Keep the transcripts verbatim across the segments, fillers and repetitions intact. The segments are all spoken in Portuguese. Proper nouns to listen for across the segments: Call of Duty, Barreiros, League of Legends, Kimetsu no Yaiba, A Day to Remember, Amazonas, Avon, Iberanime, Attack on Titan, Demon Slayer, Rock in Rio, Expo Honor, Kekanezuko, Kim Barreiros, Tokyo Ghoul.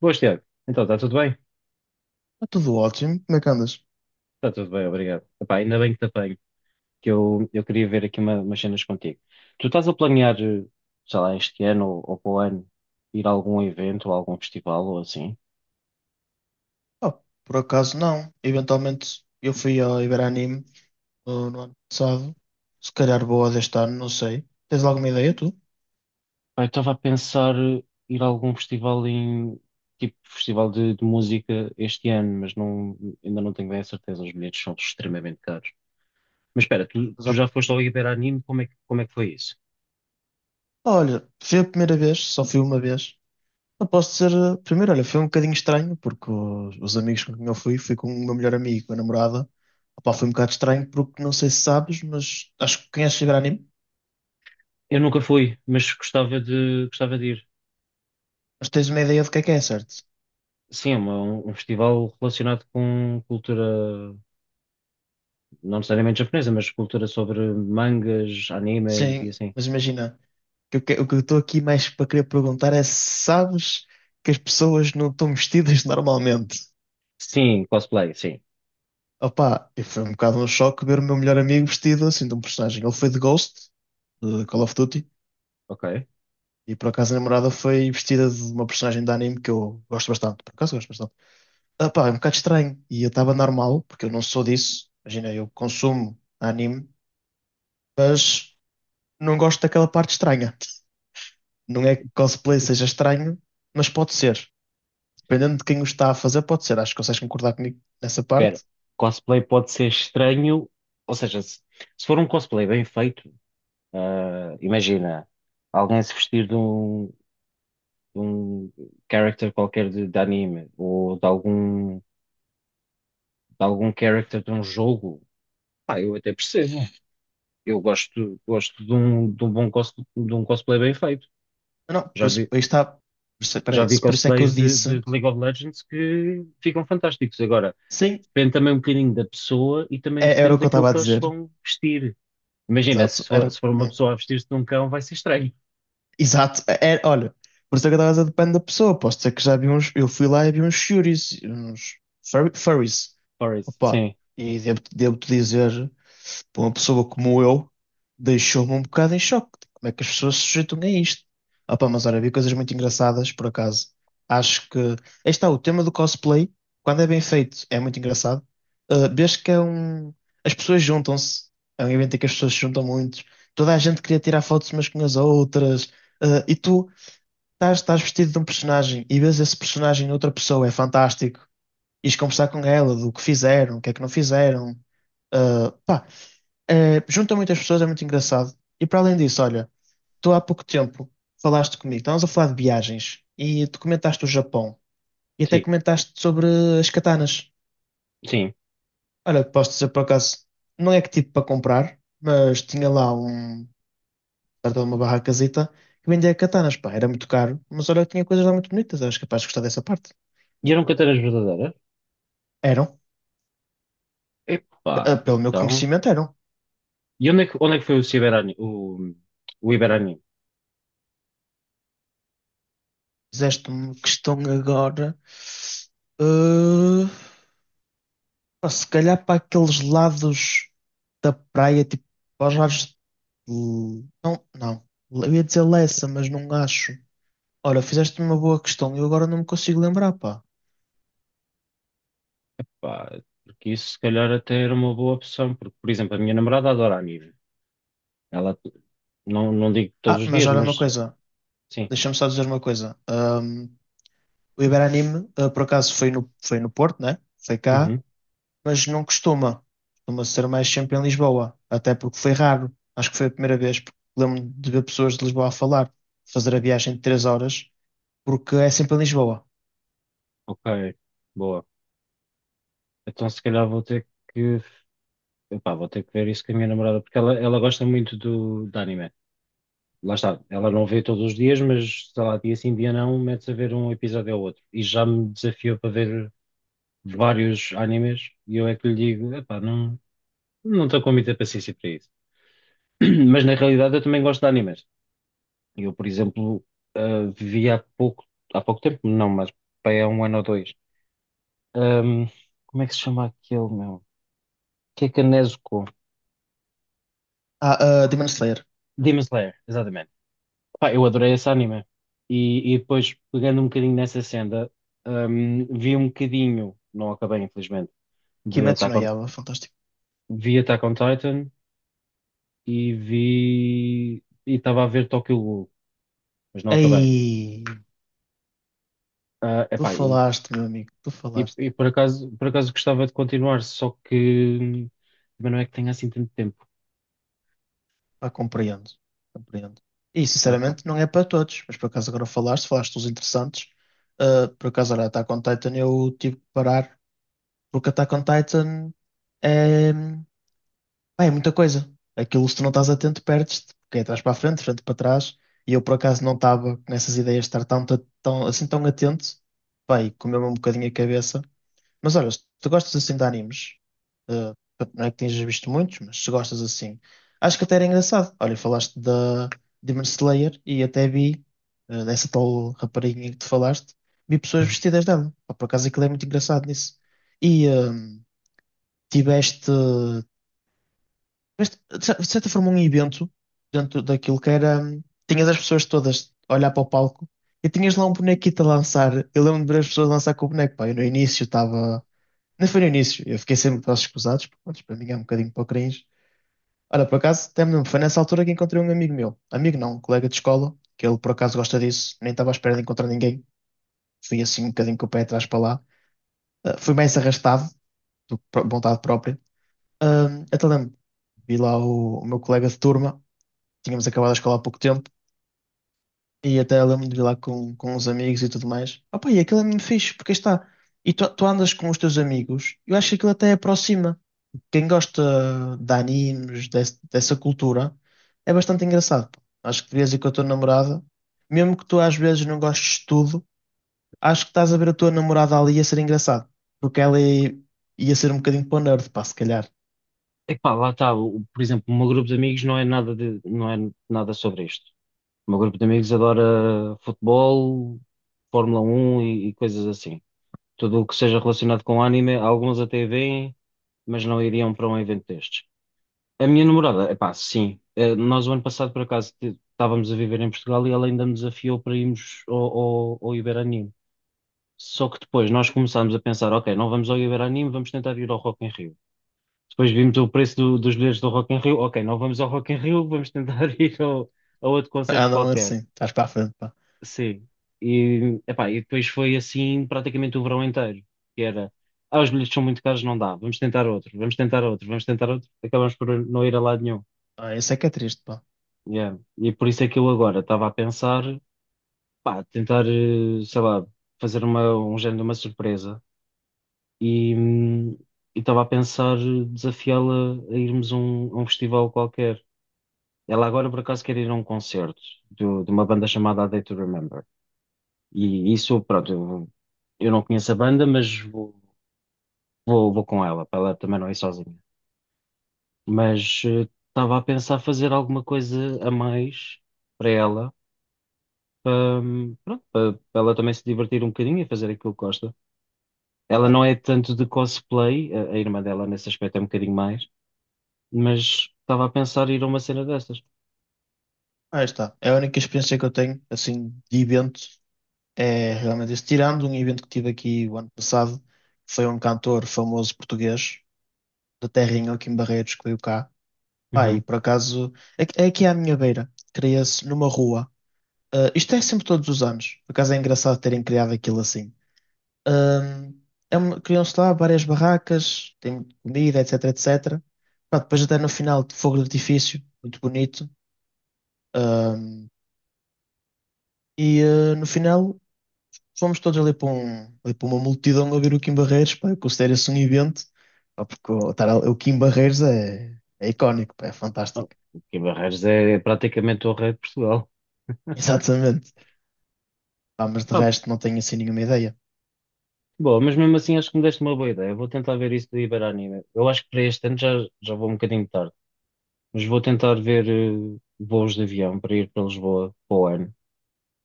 Boas, Tiago. Então, está tudo bem? Está tudo ótimo. Como é que andas? Está tudo bem, obrigado. Epá, ainda bem que te apanho, que eu, eu queria ver aqui uma- umas cenas contigo. Tu estás a planear, eh, sei lá, este ano ou, ou para o ano, ir a algum evento ou a algum festival ou assim? Ah, por acaso não. Eventualmente eu fui ao Iberanime no, no ano passado. Se calhar boa deste ano, não sei. Tens alguma ideia tu? Pá, eu estava a pensar eh, ir a algum festival em, tipo, festival de, de música este ano, mas não, ainda não tenho bem a certeza, os bilhetes são extremamente caros. Mas espera, tu, Mas, tu ah, já foste ao Iberanime, como é que, como é que foi isso? Olha, fui a primeira vez, só fui uma vez. Não posso dizer, ah, primeiro, olha, foi um bocadinho estranho, porque os, os amigos com quem eu fui, fui com o meu melhor amigo, com a namorada. Opá, foi um bocado estranho, porque não sei se sabes, mas acho que conheces o Iberanime, Eu nunca fui, mas gostava de, gostava de ir. mas tens uma ideia do que é que é, certo? Sim, é uma- um um festival relacionado com cultura, não necessariamente japonesa, mas cultura sobre mangas, animes e Sim, assim. mas imagina. que eu, que- o que eu estou aqui mais para querer perguntar é se sabes que as pessoas não estão vestidas normalmente. Sim, cosplay, sim. Opa, e foi um bocado um choque ver o meu melhor amigo vestido assim de um personagem. Ele foi de Ghost, de Call of Duty, Ok. e por acaso a namorada foi vestida de uma personagem de anime que eu gosto bastante. Por acaso gosto bastante. Opa, é um bocado estranho. E eu estava normal, porque eu não sou disso. Imagina, eu consumo anime, mas não gosto daquela parte estranha. Não é que cosplay seja estranho, mas pode ser, dependendo de quem o está a fazer, pode ser. Acho que consegues concordar comigo nessa Espera, parte. cosplay pode ser estranho, ou seja, se, se for um cosplay bem feito, ah, imagina alguém se vestir de um, de um character qualquer de, de anime ou de algum, de algum character de um jogo, pá, eu até percebo. Eu gosto, gosto de um, de um bom cos, de um cosplay bem feito. Não, não, por Já isso, vi, aí está. Por isso, já peraí, vi se- por isso é que eu cosplays de, de disse. League of Legends que ficam fantásticos. Agora, Sim, depende também um bocadinho da pessoa e também é- era depende o que eu daquilo estava a que eles dizer. vão vestir. Imagina, Exato, se era. for, se for uma Hum, pessoa a vestir-se de um cão, vai ser estranho. Exato, é, é- olha, por isso é que eu estava a dizer, depende da pessoa. Posso dizer que já vi uns. Eu fui lá e vi uns Shuris, uns furry- furries. Por isso, Opa, sim, e devo, devo-te dizer, para uma pessoa como eu, deixou-me um bocado em choque. Tipo, como é que as pessoas se sujeitam a isto? Opa, mas olha, vi coisas muito engraçadas, por acaso. Acho que, aí está, o tema do cosplay, quando é bem feito, é muito engraçado. Uh, vês que é um. As pessoas juntam-se. É um evento em que as pessoas se juntam muito. Toda a gente queria tirar fotos umas com as outras. Uh, e tu estás, estás vestido de um personagem e vês esse personagem em outra pessoa, é fantástico. Ires conversar com ela do que fizeram, o que é que não fizeram. Uh, pá, é, junta muitas pessoas, é muito engraçado. E para além disso, olha, tu há pouco tempo falaste comigo, estávamos a falar de viagens e tu comentaste o Japão e até sim, comentaste sobre as katanas. sim. Olha, posso dizer por acaso, não é que tipo para comprar, mas tinha lá um, perto de uma barracazita que vendia katanas, pá, era muito caro, mas olha, que tinha coisas lá muito bonitas, eras capaz de gostar dessa parte. E eram canteiras verdadeiras? Eram, eh, Epá, pelo meu então. conhecimento, eram. E onde é que, onde é que foi o Ciberani, o, o Iberani? Fizeste-me questão agora. Eh, Pá, se calhar para aqueles lados da praia, tipo, para os lados de... Não, não. Eu ia dizer Lessa, mas não acho. Ora, fizeste uma boa questão. Eu agora não me consigo lembrar, pá. Pá, porque isso se calhar até era uma boa opção, porque, por exemplo, a minha namorada adora anime. Ela, não, não digo todos Ah, os mas dias, olha uma mas coisa. sim. Deixa-me só dizer uma coisa. Ahm, o Iberanime, ah, por acaso, foi no, foi no Porto, né? Foi cá. Uhum. Mas não costuma. Costuma ser mais sempre em Lisboa. Até porque foi raro. Acho que foi a primeira vez. Porque lembro-me de ver pessoas de Lisboa a falar. Fazer a viagem de três horas. Porque é sempre em Lisboa. Ok, boa. Então se calhar vou ter que, epá, vou ter que ver isso com a minha namorada, porque ela, ela gosta muito do, de anime. Lá está, ela não vê todos os dias, mas sei lá, dia sim, dia não, mete-se a ver um episódio ou outro. E já me desafiou para ver vários animes, e eu é que lhe digo, epá, não, não estou com muita paciência para isso. Mas na realidade eu também gosto de animes. Eu, por exemplo, ah, vi há pouco, há pouco tempo, não, mas bem, há um ano ou dois. Ahm, Como é que se chama aquele, meu? Kekanezuko. Ah, ah, Demon Slayer. Demon Slayer, exatamente. Pá, eu adorei esse anime. E, e depois, pegando um bocadinho nessa senda, hum, vi um bocadinho, não acabei infelizmente, de Kimetsu Attack no on, Yaiba, fantástico. vi Attack on Titan e vi, e estava a ver Tokyo Ghoul, mas não acabei. Ei, Ah, tu epá, e, falaste, meu amigo, tu e, falaste. e por acaso, por acaso gostava de continuar, só que hum, também não é que tenha assim tanto tempo. Ah, compreendo, compreendo. E Lá está. sinceramente não é para todos, mas por acaso agora falaste, falaste dos interessantes. Ah, por acaso, olha, Attack on Titan eu tive que parar, porque Attack on Titan é, pá, é muita coisa. Aquilo se tu não estás atento, perdes-te, porque é atrás para a frente, frente para trás. E eu por acaso não estava nessas ideias de estar tão, tão, assim tão atento. Pá, e comeu-me um bocadinho a cabeça. Mas olha, se tu gostas assim de animes, eh, não é que tenhas visto muitos, mas se gostas assim, acho que até era engraçado. Olha, falaste da Demon Slayer e até vi eh, dessa tal rapariguinha que tu falaste, vi pessoas Uhum. vestidas dela. Pá, por acaso aquilo é muito engraçado nisso. E eh, tiveste, tiveste, de cer- de certa forma, um evento dentro daquilo que era. Hum, Tinhas as pessoas todas a olhar para o palco e tinhas lá um bonequito a lançar. Eu lembro de ver as pessoas lançar com o boneco. Pá, eu no início estava. Não foi no início, eu fiquei sempre para os escusados, porque pronto, para mim é um bocadinho para o cringe. Olha, por acaso, até me lembro, foi nessa altura que encontrei um amigo meu, amigo não, um colega de escola, que ele por acaso gosta disso, nem estava à espera de encontrar ninguém, fui assim um bocadinho com o pé atrás para lá. Ah, fui mais arrastado, do que por vontade própria. Ah, até lembro, vi lá o, o meu colega de turma, tínhamos acabado a escola há pouco tempo, e até lembro de vir lá com, com uns amigos e tudo mais. Opa, e aquilo é mesmo fixe, porque aí está, e tu, tu andas com os teus amigos, eu acho que aquilo até aproxima, quem gosta de animes, des- dessa cultura, é bastante engraçado, pá. Acho que devias ir com a tua namorada, mesmo que tu às vezes não gostes de tudo, acho que estás a ver a tua namorada ali a ser engraçado, porque ela i- ia ser um bocadinho para o nerd, pá, se calhar. Epá, lá está, o- por exemplo, o meu grupo de amigos não é nada de, não é nada sobre isto. O meu grupo de amigos adora futebol, Fórmula um e, e coisas assim. Tudo o que seja relacionado com anime, alguns até veem, mas não iriam para um evento destes. A minha namorada, epá, sim. Eh, nós o ano passado, por acaso, t- estávamos a viver em Portugal e ela ainda me desafiou para irmos ao, ao, ao Iberanime. Só que depois nós começámos a pensar, ok, não vamos ao Iberanime, vamos tentar ir ao Rock in Rio. Depois vimos o preço do- dos bilhetes do Rock in Rio, ok, não vamos ao Rock in Rio, vamos tentar ir ao, a outro concerto Andam qualquer. assim, estás para a frente, pá. Sim. E, epá, e depois foi assim praticamente o verão inteiro, que era, ah, os bilhetes são muito caros, não dá, vamos tentar outro, vamos tentar outro, vamos tentar outro, acabamos por não ir a lado nenhum. Ah, isso é que é triste, pá. Yeah. E por isso é que eu agora estava a pensar, pá, tentar, eh, sei lá, fazer uma, um género de uma surpresa e hum, e estava a pensar desafiá-la a irmos a um, a um festival qualquer. Ela agora por acaso quer ir a um concerto do- de uma banda chamada A Day to Remember. E isso, pronto, eu não conheço a banda, mas vou, vou, vou com ela, para ela também não ir sozinha. Mas eh, estava a pensar fazer alguma coisa a mais para ela, hum, pronto, para, para ela também se divertir um bocadinho e fazer aquilo que gosta. Ela Ah, não é tanto de cosplay, a, a irmã dela nesse aspecto é um bocadinho mais, mas estava a pensar ir a uma cena destas. aí está. É a única experiência que eu tenho, assim, de evento. É realmente isso. Tirando um evento que tive aqui o ano passado, que foi um cantor famoso português, da terrinha aqui em Barreiros que veio cá. Pá, e Uhum. por acaso, é que- é aqui à minha beira, cria-se numa rua. Ah, isto é sempre todos os anos, por acaso é engraçado terem criado aquilo assim. Ahm, É uma- criam-se lá várias barracas, tem comida, etc, etecetera. Pá, depois até no final, de fogo de artifício, muito bonito. Ahm, e ah, no final, fomos todos ali para, um, ali para uma multidão a ver o Kim Barreiros, pá, eu considero-se um evento, pá, porque o, estar, ali- o Kim Barreiros é, é icónico, pá, é Oh, fantástico. que Barreiros é é praticamente o rei de Portugal. Exatamente. Pá, mas de Pá, resto não tenho assim nenhuma ideia. boa, mas mesmo assim acho que me deste uma boa ideia. Vou tentar ver isso do Iberanime. Eu acho que para este ano já, já vou um bocadinho tarde. Mas vou tentar ver eh, voos de avião para ir para Lisboa para o ano.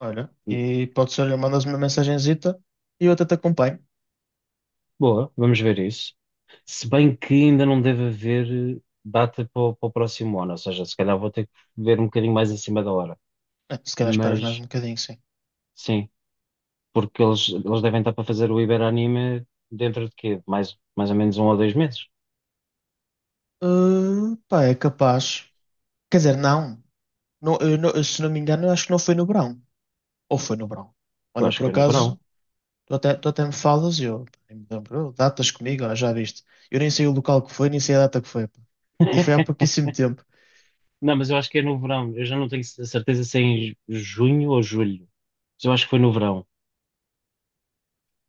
Olha, e pode ser, olha, mandas-me uma mensagenzita e eu até te acompanho. Boa, vamos ver isso. Se bem que ainda não deve haver eh, data para, o para o próximo ano, ou seja, se calhar vou ter que ver um bocadinho mais acima da hora. É, se calhar esperas mais Mas um bocadinho, sim. sim, porque eles, eles devem estar para fazer o Iberanime dentro de quê? Mais, mais ou menos um ou dois meses. Ah, pá, é capaz. Quer dizer, não. Não, eu não- se não me engano, eu acho que não foi no verão. Ou foi no verão. Eu Olha, acho que por foi no verão. acaso, Tu até, tu até me falas e eu nem me lembro. "Oh, datas comigo, ó, já viste. Eu nem sei o local que foi, nem sei a data que foi, pá. E foi há pouquíssimo tempo. Não, mas eu acho que é no verão. Eu já não tenho certeza se é em junho ou julho. Mas eu acho que foi no verão.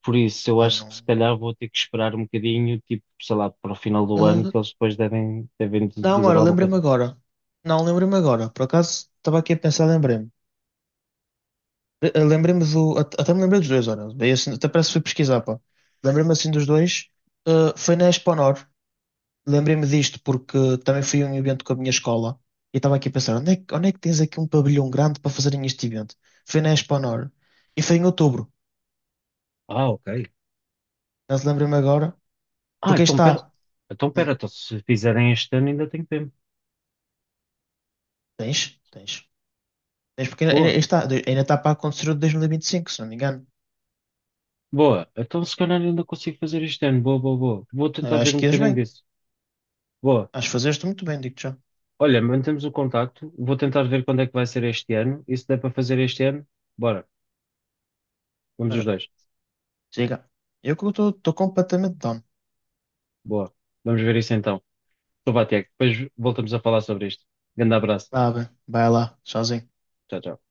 Por isso, eu Ah, acho que se não. calhar vou ter que esperar um bocadinho, tipo, sei lá, para o final do ano, Ah, que eles depois devem, devem di- não, dizer ora, alguma lembrei-me coisa. agora. Não, lembrei-me agora. Por acaso, estava aqui a pensar, lembrei-me. Eh, eh, Lembrei-me do. at- Até me lembrei dos dois, ora. Bem, assim, até parece que fui pesquisar, pá. Lembrei-me assim dos dois. Ah, foi na Expo Honor. Lembrei-me disto porque também fui a um evento com a minha escola. E estava aqui a pensar, onde é, que- onde é que tens aqui um pavilhão grande para fazerem este evento? Foi na Expo Honor. E foi em outubro. Ah, ok. Já se lembra-me agora. Ah, Porque aí então pera, está. então Hum, pera, então se fizerem este ano ainda tenho tempo. Tens, tens. Tens porque ainda, ainda- aí Boa, está, de- ainda está para acontecer o de dois mil e vinte e cinco, se não me engano. boa. Então se calhar ainda consigo fazer este ano. Boa, boa, boa. Vou tentar Ah, ver acho um que és bocadinho bem. disso. Boa. Acho que fazeste muito bem, digo-te já. Olha, mantemos o contacto. Vou tentar ver quando é que vai ser este ano. E se der para fazer este ano, bora. Vamos os Olha, dois. chega. Eu que estou completamente down. Boa. Vamos ver isso então. Então vá, Tiago. Depois voltamos a falar sobre isto. Grande abraço. Vá, bem. Vai lá, sozinho. Tchau, tchau.